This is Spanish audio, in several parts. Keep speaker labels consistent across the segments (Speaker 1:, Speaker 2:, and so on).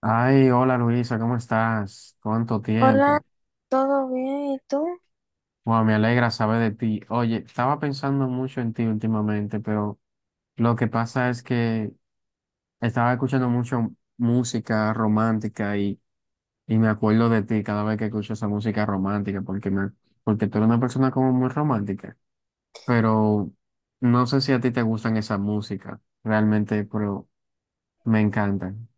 Speaker 1: Ay, hola Luisa, ¿cómo estás? ¿Cuánto
Speaker 2: Hola,
Speaker 1: tiempo?
Speaker 2: ¿todo bien? ¿Y tú?
Speaker 1: Wow, me alegra saber de ti. Oye, estaba pensando mucho en ti últimamente, pero lo que pasa es que estaba escuchando mucho música romántica y me acuerdo de ti cada vez que escucho esa música romántica, porque tú eres una persona como muy romántica, pero no sé si a ti te gustan esa música, realmente, pero me encantan.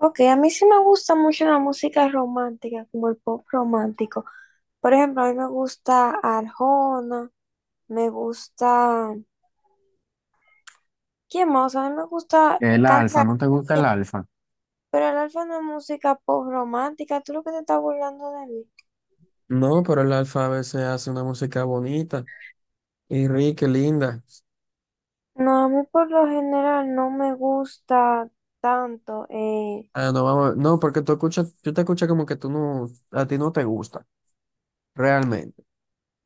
Speaker 2: Ok, a mí sí me gusta mucho la música romántica, como el pop romántico. Por ejemplo, a mí me gusta Arjona, me gusta... ¿Quién más? A mí me gusta
Speaker 1: El alfa,
Speaker 2: cantar,
Speaker 1: ¿no te gusta el alfa?
Speaker 2: pero el alfa no es música pop romántica. ¿Tú lo que te estás burlando de mí?
Speaker 1: No, pero el alfa a veces hace una música bonita y rica y linda.
Speaker 2: No, a mí por lo general no me gusta tanto.
Speaker 1: Ah, no, vamos a ver. No, porque tú escuchas, yo te escucho como que tú no, a ti no te gusta, realmente.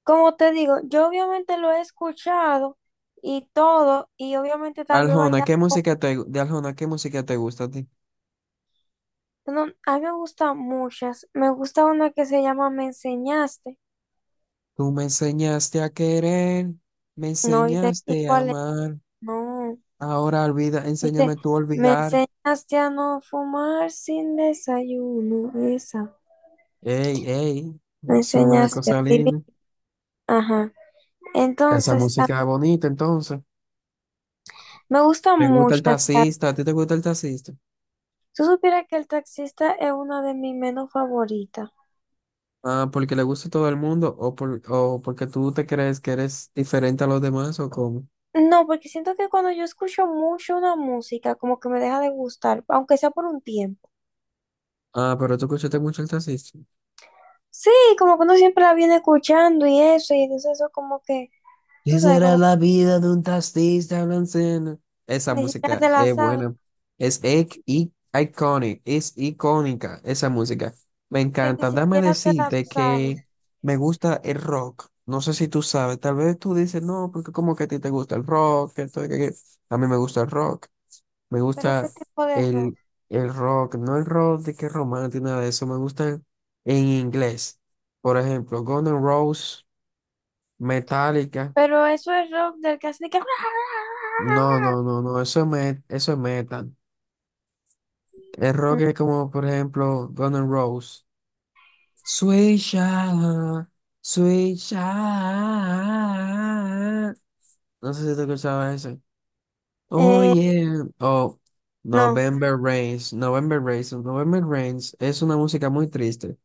Speaker 2: Como te digo, yo obviamente lo he escuchado y todo, y obviamente tal vez
Speaker 1: Aljona,
Speaker 2: bailar.
Speaker 1: ¿qué música te gusta a ti?
Speaker 2: No, a mí me gustan muchas. Me gusta una que se llama Me enseñaste.
Speaker 1: Tú me enseñaste a querer, me
Speaker 2: No, ¿¿y
Speaker 1: enseñaste a
Speaker 2: cuál es?
Speaker 1: amar,
Speaker 2: No.
Speaker 1: ahora olvida,
Speaker 2: Dice,
Speaker 1: enséñame tú a
Speaker 2: me
Speaker 1: olvidar.
Speaker 2: enseñaste a no fumar sin desayuno. Esa.
Speaker 1: Ey, ey,
Speaker 2: Me
Speaker 1: es una
Speaker 2: enseñaste a
Speaker 1: cosa
Speaker 2: vivir.
Speaker 1: linda.
Speaker 2: Ajá.
Speaker 1: Esa
Speaker 2: Entonces,
Speaker 1: música es bonita, entonces.
Speaker 2: me gustan
Speaker 1: Me gusta el
Speaker 2: muchas.
Speaker 1: taxista, ¿a ti te gusta el taxista?
Speaker 2: Tú supieras que el taxista es una de mis menos favoritas.
Speaker 1: Ah, porque le gusta a todo el mundo o, por, o porque tú te crees que eres diferente a los demás o cómo.
Speaker 2: No, porque siento que cuando yo escucho mucho una música, como que me deja de gustar, aunque sea por un tiempo.
Speaker 1: Ah, pero tú escuchaste mucho el taxista.
Speaker 2: Sí, como que uno siempre la viene escuchando y eso, y entonces eso como que,
Speaker 1: ¿Qué
Speaker 2: tú sabes,
Speaker 1: será
Speaker 2: como que
Speaker 1: la vida de un taxista blanco? Esa
Speaker 2: ni siquiera
Speaker 1: música
Speaker 2: te la
Speaker 1: es buena. Es ic- i- iconic, es icónica esa música. Me
Speaker 2: que ni
Speaker 1: encanta. Dame
Speaker 2: siquiera te la
Speaker 1: decirte
Speaker 2: sabes.
Speaker 1: que me gusta el rock. No sé si tú sabes, tal vez tú dices, "no, porque como que a ti te gusta el rock, que esto, que aquello". A mí me gusta el rock. Me
Speaker 2: Pero
Speaker 1: gusta
Speaker 2: qué tipo de
Speaker 1: el,
Speaker 2: rock.
Speaker 1: el rock, no el rock de que es romántico, nada de eso. Me gustan en inglés. Por ejemplo, Guns N' Roses, Metallica.
Speaker 2: Pero eso es rock del que hace de que...
Speaker 1: No, no, no, no, eso es metal. El rock es como, por ejemplo, Guns N' Roses. Sweet Child, Sweet Child. No sé si tú escuchabas eso. Oh
Speaker 2: Eh,
Speaker 1: yeah, oh
Speaker 2: no,
Speaker 1: November Rains, November Rains, November Rains es una música muy triste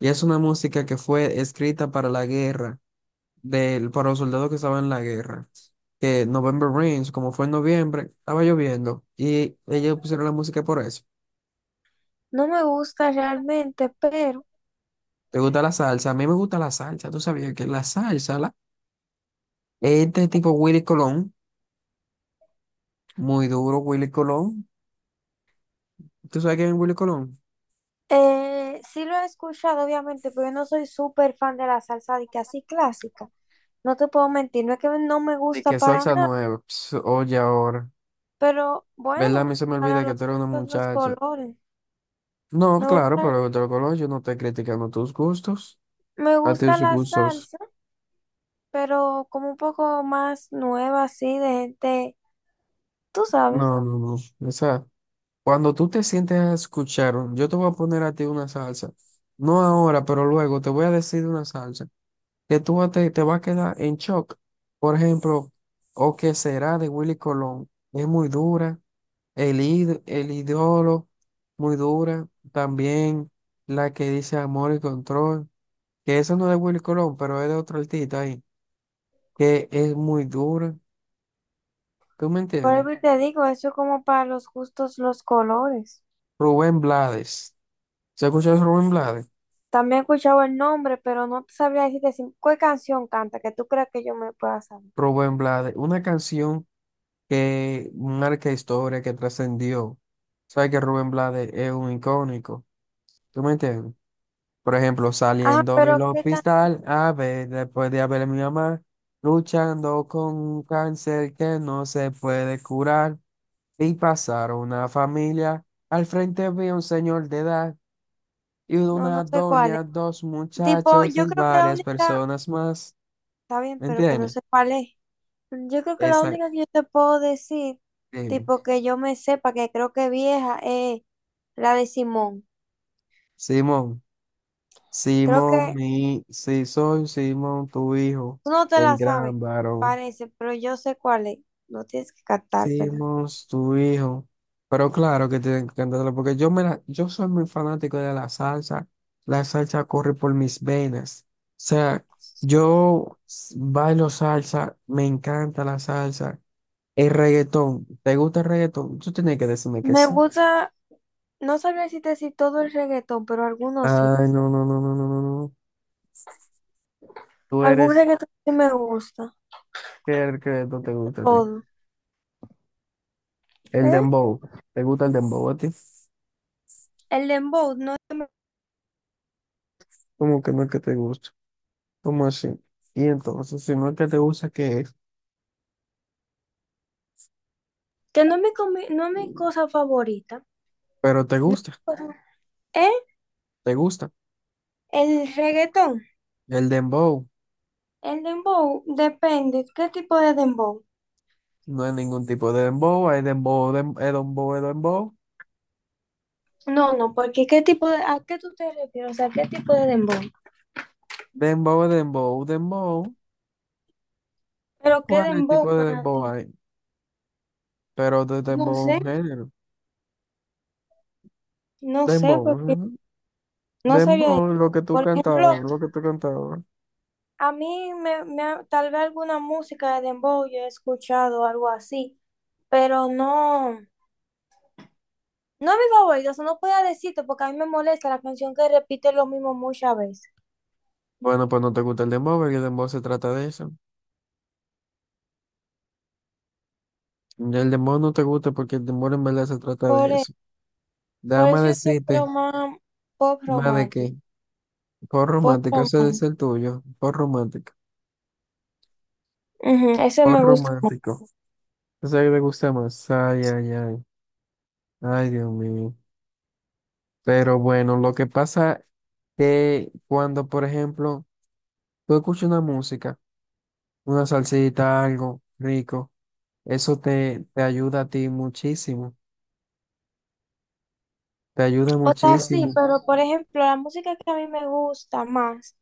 Speaker 1: y es una música que fue escrita para la guerra, para los soldados que estaban en la guerra. Que November Rains, como fue en noviembre, estaba lloviendo y ellos pusieron la música por eso.
Speaker 2: no me gusta realmente, pero
Speaker 1: ¿Te gusta la salsa? A mí me gusta la salsa, tú sabías que la salsa, la, este tipo Willy Colón, muy duro Willy Colón, ¿tú sabes quién es Willy Colón?
Speaker 2: sí lo he escuchado, obviamente, pero yo no soy súper fan de la salsa de que así clásica. No te puedo mentir, no es que no me
Speaker 1: Y
Speaker 2: gusta
Speaker 1: que
Speaker 2: para
Speaker 1: salsa
Speaker 2: nada,
Speaker 1: nueva, pss, oye ahora.
Speaker 2: pero
Speaker 1: ¿Verdad? A
Speaker 2: bueno,
Speaker 1: mí se me
Speaker 2: para
Speaker 1: olvida que
Speaker 2: los
Speaker 1: tú eres una
Speaker 2: gustos, los
Speaker 1: muchacha.
Speaker 2: colores.
Speaker 1: No,
Speaker 2: Me
Speaker 1: claro,
Speaker 2: gusta
Speaker 1: pero de lo color yo no estoy criticando tus gustos,
Speaker 2: Me
Speaker 1: a
Speaker 2: gusta
Speaker 1: tus
Speaker 2: la
Speaker 1: gustos.
Speaker 2: salsa, pero como un poco más nueva, así, de gente, tú sabes.
Speaker 1: No, no, no. O sea, cuando tú te sientes a escuchar, yo te voy a poner a ti una salsa. No ahora, pero luego te voy a decir una salsa que tú vas a te, te vas a quedar en shock. Por ejemplo, o que será de Willy Colón. Es muy dura. El ídolo, muy dura. También la que dice amor y control. Que eso no es de Willy Colón, pero es de otro artista ahí, que es muy duro. ¿Tú me
Speaker 2: Por
Speaker 1: entiendes?
Speaker 2: eso te digo, eso es como para los gustos, los colores.
Speaker 1: Rubén Blades. ¿Se ha escucha Rubén Blades?
Speaker 2: También he escuchado el nombre, pero no te sabría decirte qué canción canta, que tú creas que yo me pueda saber.
Speaker 1: Rubén Blades. Una canción que marca historia, que trascendió. ¿Sabes que Rubén Blades es un icónico? ¿Tú me entiendes? Por ejemplo,
Speaker 2: Ah,
Speaker 1: saliendo del
Speaker 2: pero qué canción,
Speaker 1: hospital, a ver, después de haber mi mamá, luchando con un cáncer que no se puede curar, y pasar una familia. Al frente vi a un señor de edad y
Speaker 2: no, no
Speaker 1: una
Speaker 2: sé cuál es.
Speaker 1: doña, dos
Speaker 2: Tipo,
Speaker 1: muchachos
Speaker 2: yo
Speaker 1: y
Speaker 2: creo que la
Speaker 1: varias
Speaker 2: única,
Speaker 1: personas más.
Speaker 2: está bien,
Speaker 1: ¿Me
Speaker 2: pero que no
Speaker 1: entiendes?
Speaker 2: sé cuál es. Yo creo que la
Speaker 1: Esa,
Speaker 2: única que yo te puedo decir,
Speaker 1: dime.
Speaker 2: tipo que yo me sepa, que creo que es vieja, es la de Simón.
Speaker 1: Simón,
Speaker 2: Creo
Speaker 1: Simón,
Speaker 2: que
Speaker 1: mi, sí soy Simón, tu hijo,
Speaker 2: Tú no te
Speaker 1: el
Speaker 2: la sabes,
Speaker 1: gran varón.
Speaker 2: parece, pero yo sé cuál es. No tienes que cantar cantártela.
Speaker 1: Simón, tu hijo. Pero claro que tienen que cantarlo porque yo, yo soy muy fanático de la salsa. La salsa corre por mis venas. O sea, yo bailo salsa, me encanta la salsa. El reggaetón, ¿te gusta el reggaetón? Tú tienes que decirme que
Speaker 2: Me
Speaker 1: sí.
Speaker 2: gusta, no sabría decirte si te decir todo el reggaetón, pero algunos sí.
Speaker 1: Ay, no, no, no, no, no, no, no. Tú
Speaker 2: Algún
Speaker 1: eres
Speaker 2: reggaetón sí me gusta.
Speaker 1: qué que el reggaetón te gusta a ti.
Speaker 2: Todo.
Speaker 1: El
Speaker 2: ¿Eh?
Speaker 1: dembow, ¿te gusta el dembow a ti?
Speaker 2: El dembow, no,
Speaker 1: ¿Cómo que no es que te gusta? ¿Cómo así? Y entonces, si no es que te gusta, ¿qué es?
Speaker 2: que no es mi, comi- no es mi cosa favorita.
Speaker 1: Pero te
Speaker 2: No es mi
Speaker 1: gusta,
Speaker 2: cosa- ¿Eh?
Speaker 1: te gusta.
Speaker 2: El reggaetón.
Speaker 1: El dembow,
Speaker 2: El dembow depende. ¿Qué tipo de dembow?
Speaker 1: no hay ningún tipo de dembow, hay dembow, dembow, dembow,
Speaker 2: No, no, porque ¿qué tipo de, a qué tú te refieres? O sea, ¿qué tipo de dembow?
Speaker 1: dembow, dembow, dembow.
Speaker 2: Pero ¿qué
Speaker 1: ¿Cuál es el
Speaker 2: dembow
Speaker 1: tipo de
Speaker 2: para
Speaker 1: dembow
Speaker 2: ti?
Speaker 1: hay? Pero de
Speaker 2: No
Speaker 1: dembow
Speaker 2: sé,
Speaker 1: un género. Dembow,
Speaker 2: porque
Speaker 1: ujú.
Speaker 2: no sabía
Speaker 1: Dembow,
Speaker 2: decir.
Speaker 1: lo que tú
Speaker 2: Por ejemplo,
Speaker 1: cantabas, lo que tú cantabas.
Speaker 2: a mí me, me ha- tal vez alguna música de dembow yo he escuchado algo así, pero no, no es mi favorito, o sea, no puedo decirte porque a mí me molesta la canción que repite lo mismo muchas veces.
Speaker 1: Bueno, pues no te gusta el dembow, porque el dembow se trata de eso. Y el dembow no te gusta porque el dembow en verdad se trata de
Speaker 2: Por, e-
Speaker 1: eso.
Speaker 2: por
Speaker 1: Déjame
Speaker 2: eso yo prefiero
Speaker 1: decirte,
Speaker 2: más pop
Speaker 1: más de qué. Por
Speaker 2: pop
Speaker 1: romántico, ese es
Speaker 2: romántico.
Speaker 1: el tuyo. Por romántico,
Speaker 2: Ujú, ese
Speaker 1: por
Speaker 2: me gusta.
Speaker 1: romántico. Ese que te gusta más. Ay, ay, ay. Ay, Dios mío. Pero bueno, lo que pasa que cuando, por ejemplo, tú escuchas una música, una salsita, algo rico, eso te, te ayuda a ti muchísimo. Te ayuda
Speaker 2: O sea, sí,
Speaker 1: muchísimo.
Speaker 2: pero por ejemplo, la música que a mí me gusta más,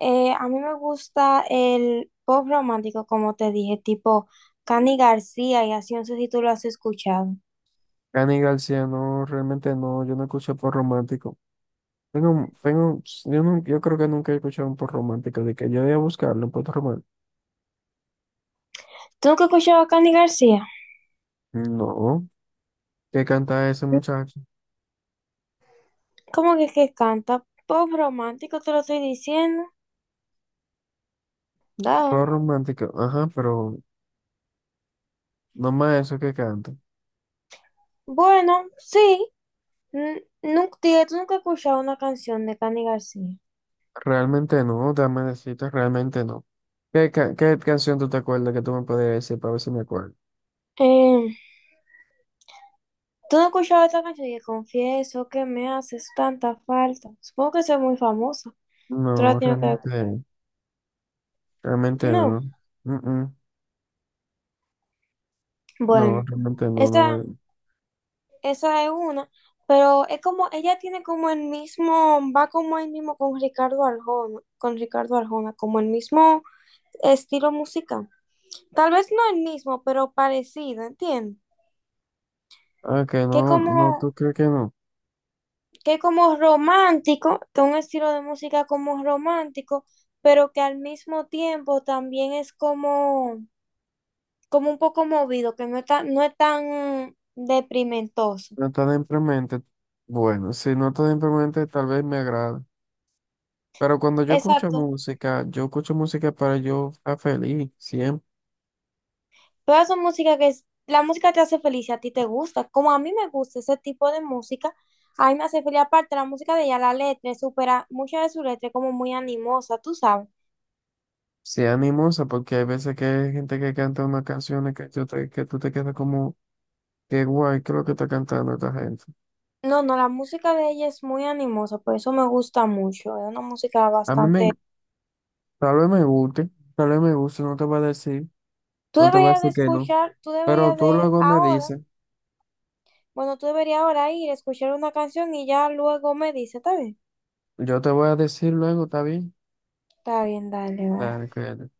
Speaker 2: a mí me gusta el pop romántico, como te dije, tipo Cani García, y así no sé si tú lo has escuchado.
Speaker 1: Cani García, no, realmente no, yo no escucho pop romántico. Yo, no, yo creo que nunca he escuchado un pop romántico, de que yo voy a buscarlo, un pop romántico.
Speaker 2: ¿Tú nunca has escuchado a Cani García?
Speaker 1: No, ¿qué canta ese muchacho?
Speaker 2: ¿Cómo que canta? Pop romántico, te lo estoy diciendo. Da.
Speaker 1: Pop romántico, ajá, pero no más eso que canta.
Speaker 2: Bueno, sí, nunca, dije, tú nunca has escuchado una canción de Cani García.
Speaker 1: Realmente no, dame decirte, realmente no. ¿Qué, qué canción tú te acuerdas que tú me podías decir para ver si me acuerdo?
Speaker 2: Eh, ¿Tú no has escuchado esta canción? Y confieso que me haces tanta falta. Supongo que es muy famosa. Tú la
Speaker 1: No,
Speaker 2: tienes que ver.
Speaker 1: realmente, realmente
Speaker 2: No.
Speaker 1: no. Mm, mm. No,
Speaker 2: Bueno,
Speaker 1: realmente no,
Speaker 2: esa,
Speaker 1: no.
Speaker 2: esa es una, pero es como, ella tiene como el mismo, va como el mismo con Ricardo con Ricardo Arjona, como el mismo estilo musical. Tal vez no el mismo, pero parecido, ¿entiendes?
Speaker 1: Ah, que
Speaker 2: Que
Speaker 1: no,
Speaker 2: como,
Speaker 1: no, tú crees que no.
Speaker 2: que como romántico, que un estilo de música como romántico, pero que al mismo tiempo también es como, como un poco movido, que no es tan, no es tan deprimentoso.
Speaker 1: No tan deprimente. Bueno, si no tan deprimente, tal vez me agrada. Pero cuando
Speaker 2: Exacto.
Speaker 1: yo escucho música para yo estar feliz, siempre.
Speaker 2: Todas son música que es, la música te hace feliz y a ti te gusta. Como a mí me gusta ese tipo de música, a mí me hace feliz. Aparte, la música de ella, la letra, es supera muchas de sus letras es como muy animosa, tú sabes.
Speaker 1: Sea animosa, porque hay veces que hay gente que canta unas canciones que, que tú te quedas como, qué guay, qué es lo que está cantando esta gente.
Speaker 2: No, no, la música de ella es muy animosa, por eso me gusta mucho. Es una música
Speaker 1: A mí me,
Speaker 2: bastante...
Speaker 1: tal vez me guste, tal vez me guste, no te voy a decir,
Speaker 2: Tú
Speaker 1: no te voy a
Speaker 2: deberías de
Speaker 1: decir que no.
Speaker 2: escuchar, tú
Speaker 1: Pero
Speaker 2: deberías
Speaker 1: tú
Speaker 2: de
Speaker 1: luego me
Speaker 2: ahora,
Speaker 1: dices,
Speaker 2: bueno, tú deberías ahora ir a escuchar una canción y ya luego me dice,
Speaker 1: yo te voy a decir luego, ¿está bien?
Speaker 2: está bien, dale, va.
Speaker 1: Dale, cuídate.